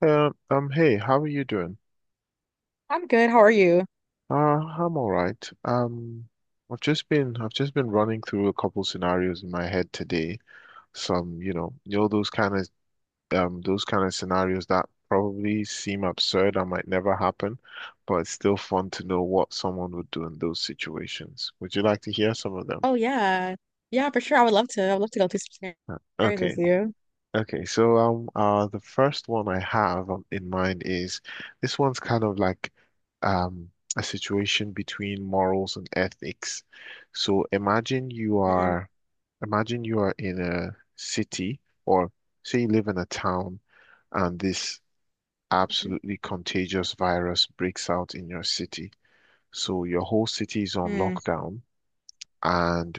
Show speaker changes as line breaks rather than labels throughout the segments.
Hey, how are you doing?
I'm good. How are you?
I'm all right. I've just been running through a couple scenarios in my head today. Some, those kind of scenarios that probably seem absurd and might never happen, but it's still fun to know what someone would do in those situations. Would you like to hear some of them?
Oh yeah. Yeah, for sure. I would love to. I would love to go through some scenarios with
Okay.
you.
Okay, so the first one I have in mind is this one's kind of like um a situation between morals and ethics. So imagine you
Mm.
are, imagine you are in a city, or say you live in a town, and this
Hmm.
absolutely contagious virus breaks out in your city. So your whole city is on
mm,
lockdown, and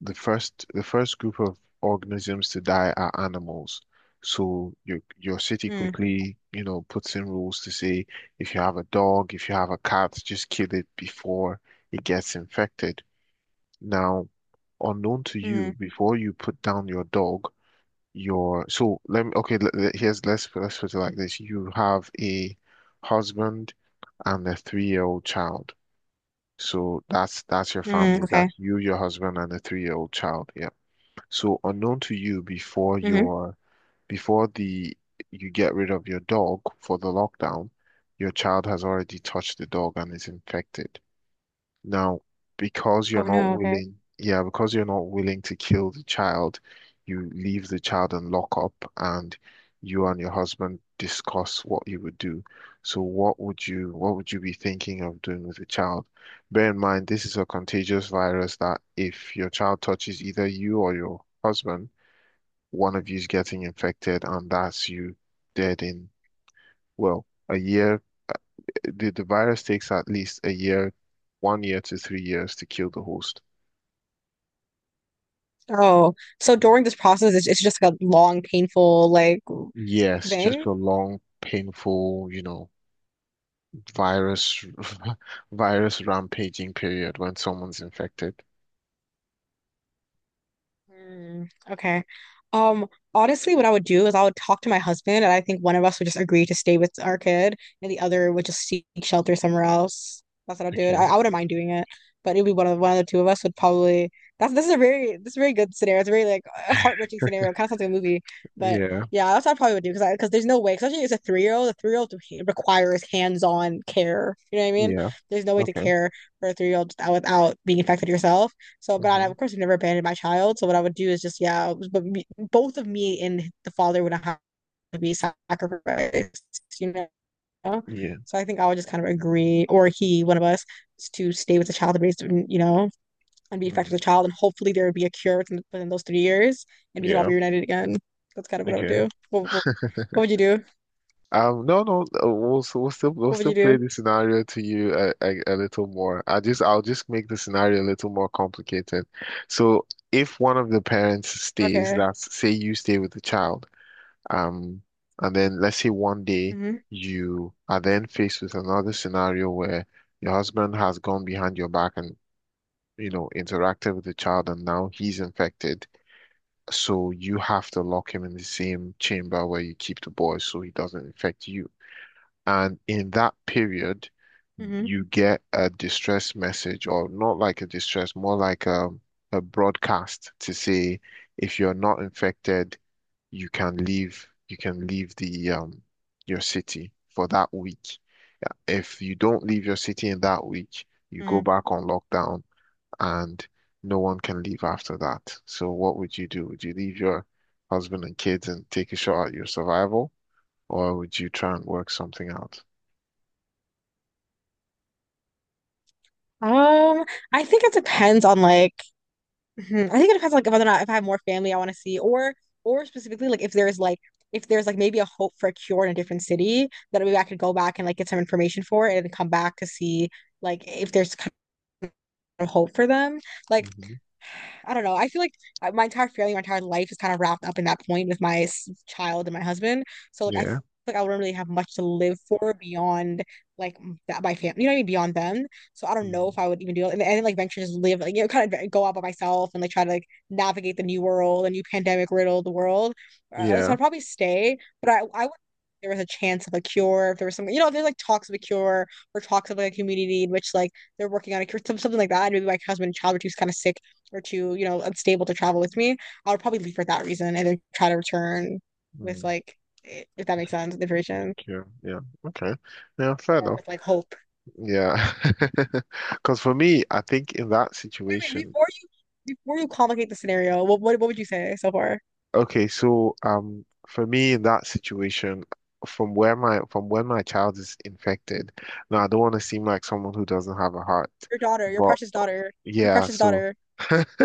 the first group of organisms to die are animals. So your city
mm,
quickly, puts in rules to say if you have a dog, if you have a cat, just kill it before it gets infected. Now, unknown to
mm,
you, before you put down your dog. Your so let me okay, let, let- here's Let's put it like this. You have a husband and a 3-year-old child. So that's your
mm.
family.
Okay.
That's you, your husband, and a 3-year-old child. Yeah. So unknown to you before
hmm
your before the you get rid of your dog for the lockdown, your child has already touched the dog and is infected. Now, because you're
Oh
not
no, okay.
willing, yeah, because you're not willing to kill the child, you leave the child in lockup and you and your husband discuss what you would do. So what would you be thinking of doing with the child? Bear in mind, this is a contagious virus that if your child touches either you or your husband, one of you's getting infected and that's you dead in, well, a year. The virus takes at least a year, 1 year to 3 years to kill the host.
Oh, so during this process, it's just like a long, painful like
Yes, just
thing.
a long, painful, virus virus rampaging period when someone's infected.
Mm, okay. Um, Honestly, what I would do is I would talk to my husband, and I think one of us would just agree to stay with our kid, and the other would just seek shelter somewhere else. That's what I'd do.
Okay.
I wouldn't mind doing it, but it would be one of the two of us would probably. That's this is a very this is a very good scenario. It's a very like a heart-wrenching scenario. Kind of sounds like a movie, but
Yeah.
yeah, that's what I probably would do because there's no way, especially as a three-year-old requires hands-on care. You know what I mean?
Yeah.
There's no way to
Okay.
care for a three-year-old without being infected yourself. So, but I,
Hmm.
of course, I never abandoned my child. So, what I would do is just, yeah, but me, both of me and the father would have to be sacrificed, you know?
Yeah.
So, I think I would just kind of agree, or he, one of us, to stay with the child and raise, you know, and be effective
Mm.
with the child. And hopefully, there would be a cure within those 3 years and we could all
Yeah.
be reunited again. That's kind of what I would
Okay.
do. Would you do?
No, no, we'll, s- we'll still we'll
What would
still
you
play
do?
the scenario to you a little more. I'll just make the scenario a little more complicated. So if one of the parents stays,
Okay.
that's say you stay with the child, um, and then let's say one day
Mm-hmm.
you are then faced with another scenario where your husband has gone behind your back and interacted with the child, and now he's infected. So you have to lock him in the same chamber where you keep the boy so he doesn't infect you. And in that period,
Mm-hmm.
you get a distress message, or not like a distress, more like a broadcast to say if you're not infected, you can leave the your city for that week. Yeah, if you don't leave your city in that week, you go
Mm-hmm.
back on lockdown and no one can leave after that. So what would you do? Would you leave your husband and kids and take a shot at your survival, or would you try and work something out?
Um, I think it depends on like. Mhm. I think it depends, like, whether or not if I have more family I want to see, or specifically like if there's like maybe a hope for a cure in a different city, then maybe I could go back and like get some information for it and come back to see like if there's of hope for them. Like,
Mhm.
I don't know. I feel like my entire family, my entire life is kind of wrapped up in that point with my child and my husband. So like, I feel
Yeah.
like I wouldn't really have much to live for beyond like that my family. You know what I mean? Beyond them. So I don't know
Mm.
if I would even do it. And then like venture just live like you know kind of go out by myself and like try to like navigate the new world, the new pandemic riddled world. So
Yeah.
I'd probably stay, but I would. There was a chance of a cure, if there was some, you know, if there's like talks of a cure or talks of like a community in which like they're working on a cure, something like that. And maybe my husband and child were too kind of sick or too, you know, unstable to travel with me. I would probably leave for that reason and then try to return with
Mm.
like, if that makes sense, information
Okay. Yeah. Okay. Yeah, fair
or
enough.
with like hope.
Yeah. Because for me, I think in that
Wait, wait,
situation,
before you complicate the scenario, what would you say so far?
okay, so for me in that situation, from when my child is infected, now I don't want to seem like someone who doesn't have a heart.
Your daughter, your
But
precious daughter, your
yeah,
precious
so
daughter.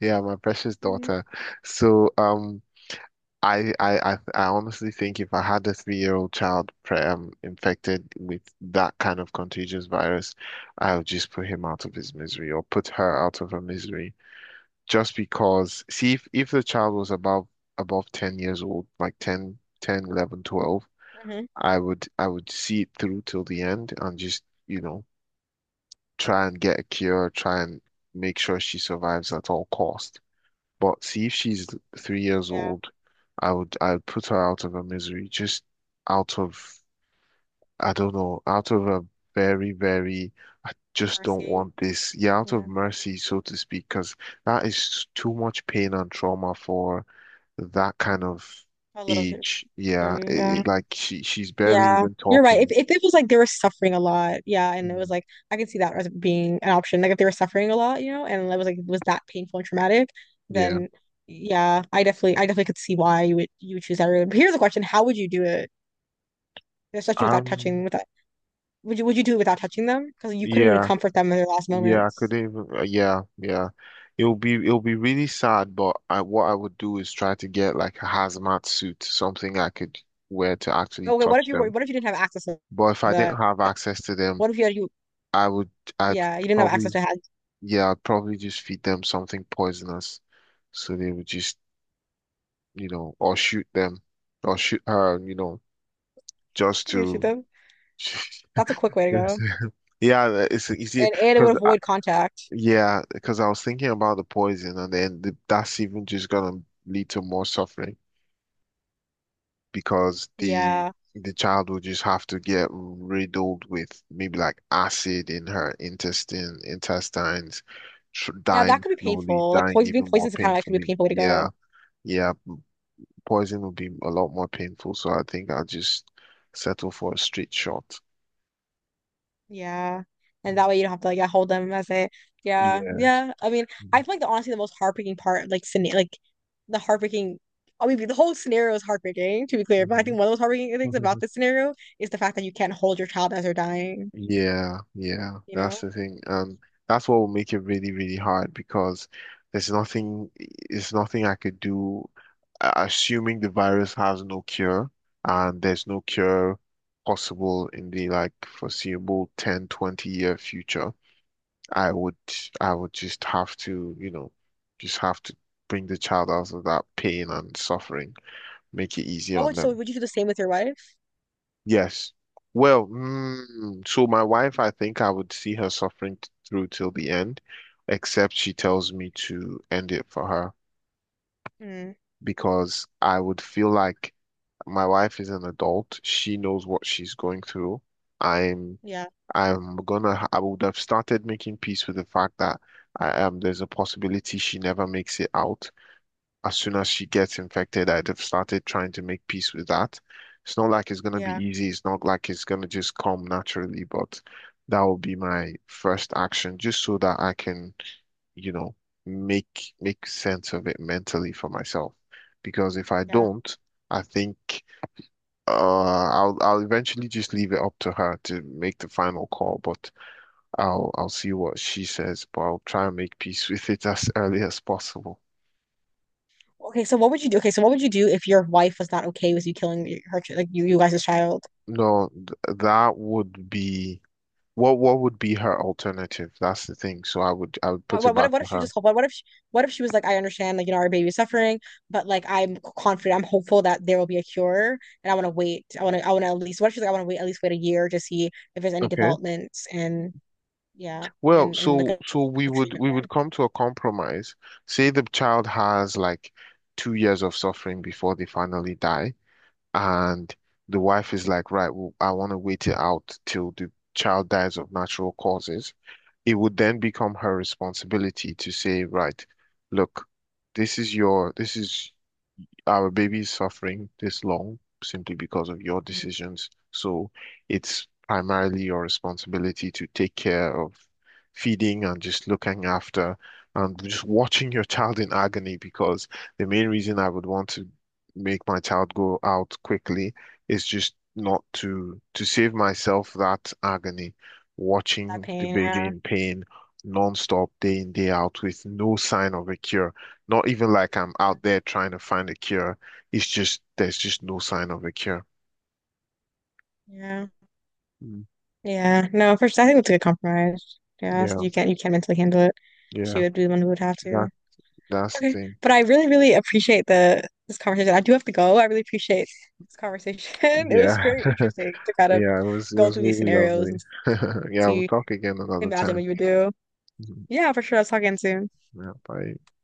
yeah, my precious daughter. So I honestly think if I had a 3-year-old child pre infected with that kind of contagious virus, I would just put him out of his misery or put her out of her misery. Just because, see, if the child was above 10 years old, like ten, 11, 12,
Mm-hmm.
I would see it through till the end and just, try and get a cure, try and make sure she survives at all costs. But see if she's 3 years
Yeah,
old, I would put her out of her misery, just out of, I don't know, out of a very, very, I just don't
mercy.
want this. Yeah, out of
Yeah,
mercy, so to speak, because that is too much pain and trauma for that kind of
a little shit.
age. Yeah,
Yeah.
like she's barely
Yeah,
even
you're right. If
talking.
if it was like they were suffering a lot, yeah, and it was
Mm.
like I could see that as being an option. Like if they were suffering a lot, you know, and it was like it was that painful and traumatic,
Yeah.
then yeah, I definitely could see why you would choose that route. But here's the question: how would you do it, especially without
Um,
touching? Without would you do it without touching them? Because you couldn't even
yeah.
comfort them in their last
Yeah, I
moments.
couldn't even. Yeah, yeah. It'll be really sad, but I what I would do is try to get like a hazmat suit, something I could wear to actually
Okay, what
touch
if you were?
them.
What if you didn't have access to
But if I didn't
the?
have access to them,
What if you had you?
I would I'd
Yeah, you didn't have access
probably
to how.
yeah, I'd probably just feed them something poisonous, so they would just or shoot them or shoot her, just
You shoot
to.
them. That's a quick way to go,
Yeah, it's easy
and it would
because
avoid contact.
Yeah, because I was thinking about the poison, and then that's even just gonna lead to more suffering because the
Yeah.
the child will just have to get riddled with maybe like acid in her intestines, tr
Yeah, that
dying
could be
slowly,
painful. Like
dying
poison being
even more
poisoned is kind of like could be a
painfully.
painful way to
Yeah,
go.
yeah, poison will be a lot more painful, so I think I'll just settle for a straight shot.
Yeah. And that way you don't have to like yeah, hold them as it. Yeah.
Yeah.
Yeah. I mean, I feel like the honestly the most heartbreaking part, like scena- like the heartbreaking I mean the whole scenario is heartbreaking, to be clear. But I
Mhm.
think one of those heartbreaking things about this scenario is the fact that you can't hold your child as they're dying,
Yeah, yeah,
you know?
that's the thing. That's what will make it really, really hard because there's nothing, there's nothing I could do, assuming the virus has no cure and there's no cure possible in the like foreseeable 10, 20 year future. I would, I would just have tojust have to bring the child out of that pain and suffering, make it easy
What
on
would so
them.
would you do the same with your wife?
Yes. Well, so my wife, I think I would see her suffering through till the end, except she tells me to end it for her
Mm,
because I would feel like my wife is an adult. She knows what she's going through. I'm
yeah.
I would have started making peace with the fact that I am there's a possibility she never makes it out as soon as she gets infected. I'd have started trying to make peace with that. It's not like it's going to be
Yeah.
easy. It's not like it's going to just come naturally, but that will be my first action just so that I can, you know, make sense of it mentally for myself. Because if I
Yeah.
don't, I think uh, I'll eventually just leave it up to her to make the final call, but I'll see what she says, but I'll try and make peace with it as early as possible.
Okay, so what would you do if your wife was not okay with you killing her, like you guys' child?
No, th that would be. What would be her alternative? That's the thing. So I would put it back
What
to
if she
her.
just what if she was like I understand like you know our baby's suffering but like I'm confident I'm hopeful that there will be a cure and I want to wait I want to at least what if she's like I want to wait at least wait a year to see if there's any
Okay.
developments and yeah
Well,
and like
so so we
a
would
treatment
we would
plan.
come to a compromise. Say the child has like 2 years of suffering before they finally die, and the wife is like, right, well, I want to wait it out till the child dies of natural causes. It would then become her responsibility to say, right, look, this is your this is our baby is suffering this long simply because of your
Mhm.
decisions. So it's primarily your responsibility to take care of feeding and just looking after and just watching your child in agony because the main reason I would want to make my child go out quickly is just not to save myself that agony,
That
watching the
pain,
baby
yeah,
in pain nonstop, day in, day out, with no sign of a cure. Not even like I'm out there trying to find a cure. It's just there's just no sign of a cure.
yeah
Mm.
yeah no for sure I think it's a good compromise yeah so
Yeah,
you can't mentally handle it she
yeah.
would be the one who would have to.
That that's the
Okay.
thing.
But I really, really appreciate the this conversation. I do have to go. I really appreciate this conversation. It was
Yeah.
very interesting to kind of
Yeah, it was it
go
was
through these
really
scenarios
lovely.
and
Yeah, we'll
see,
talk again another
imagine what
time.
you would do.
Mhm.
Yeah, for sure. Let's talk again soon.
Yeah, bye.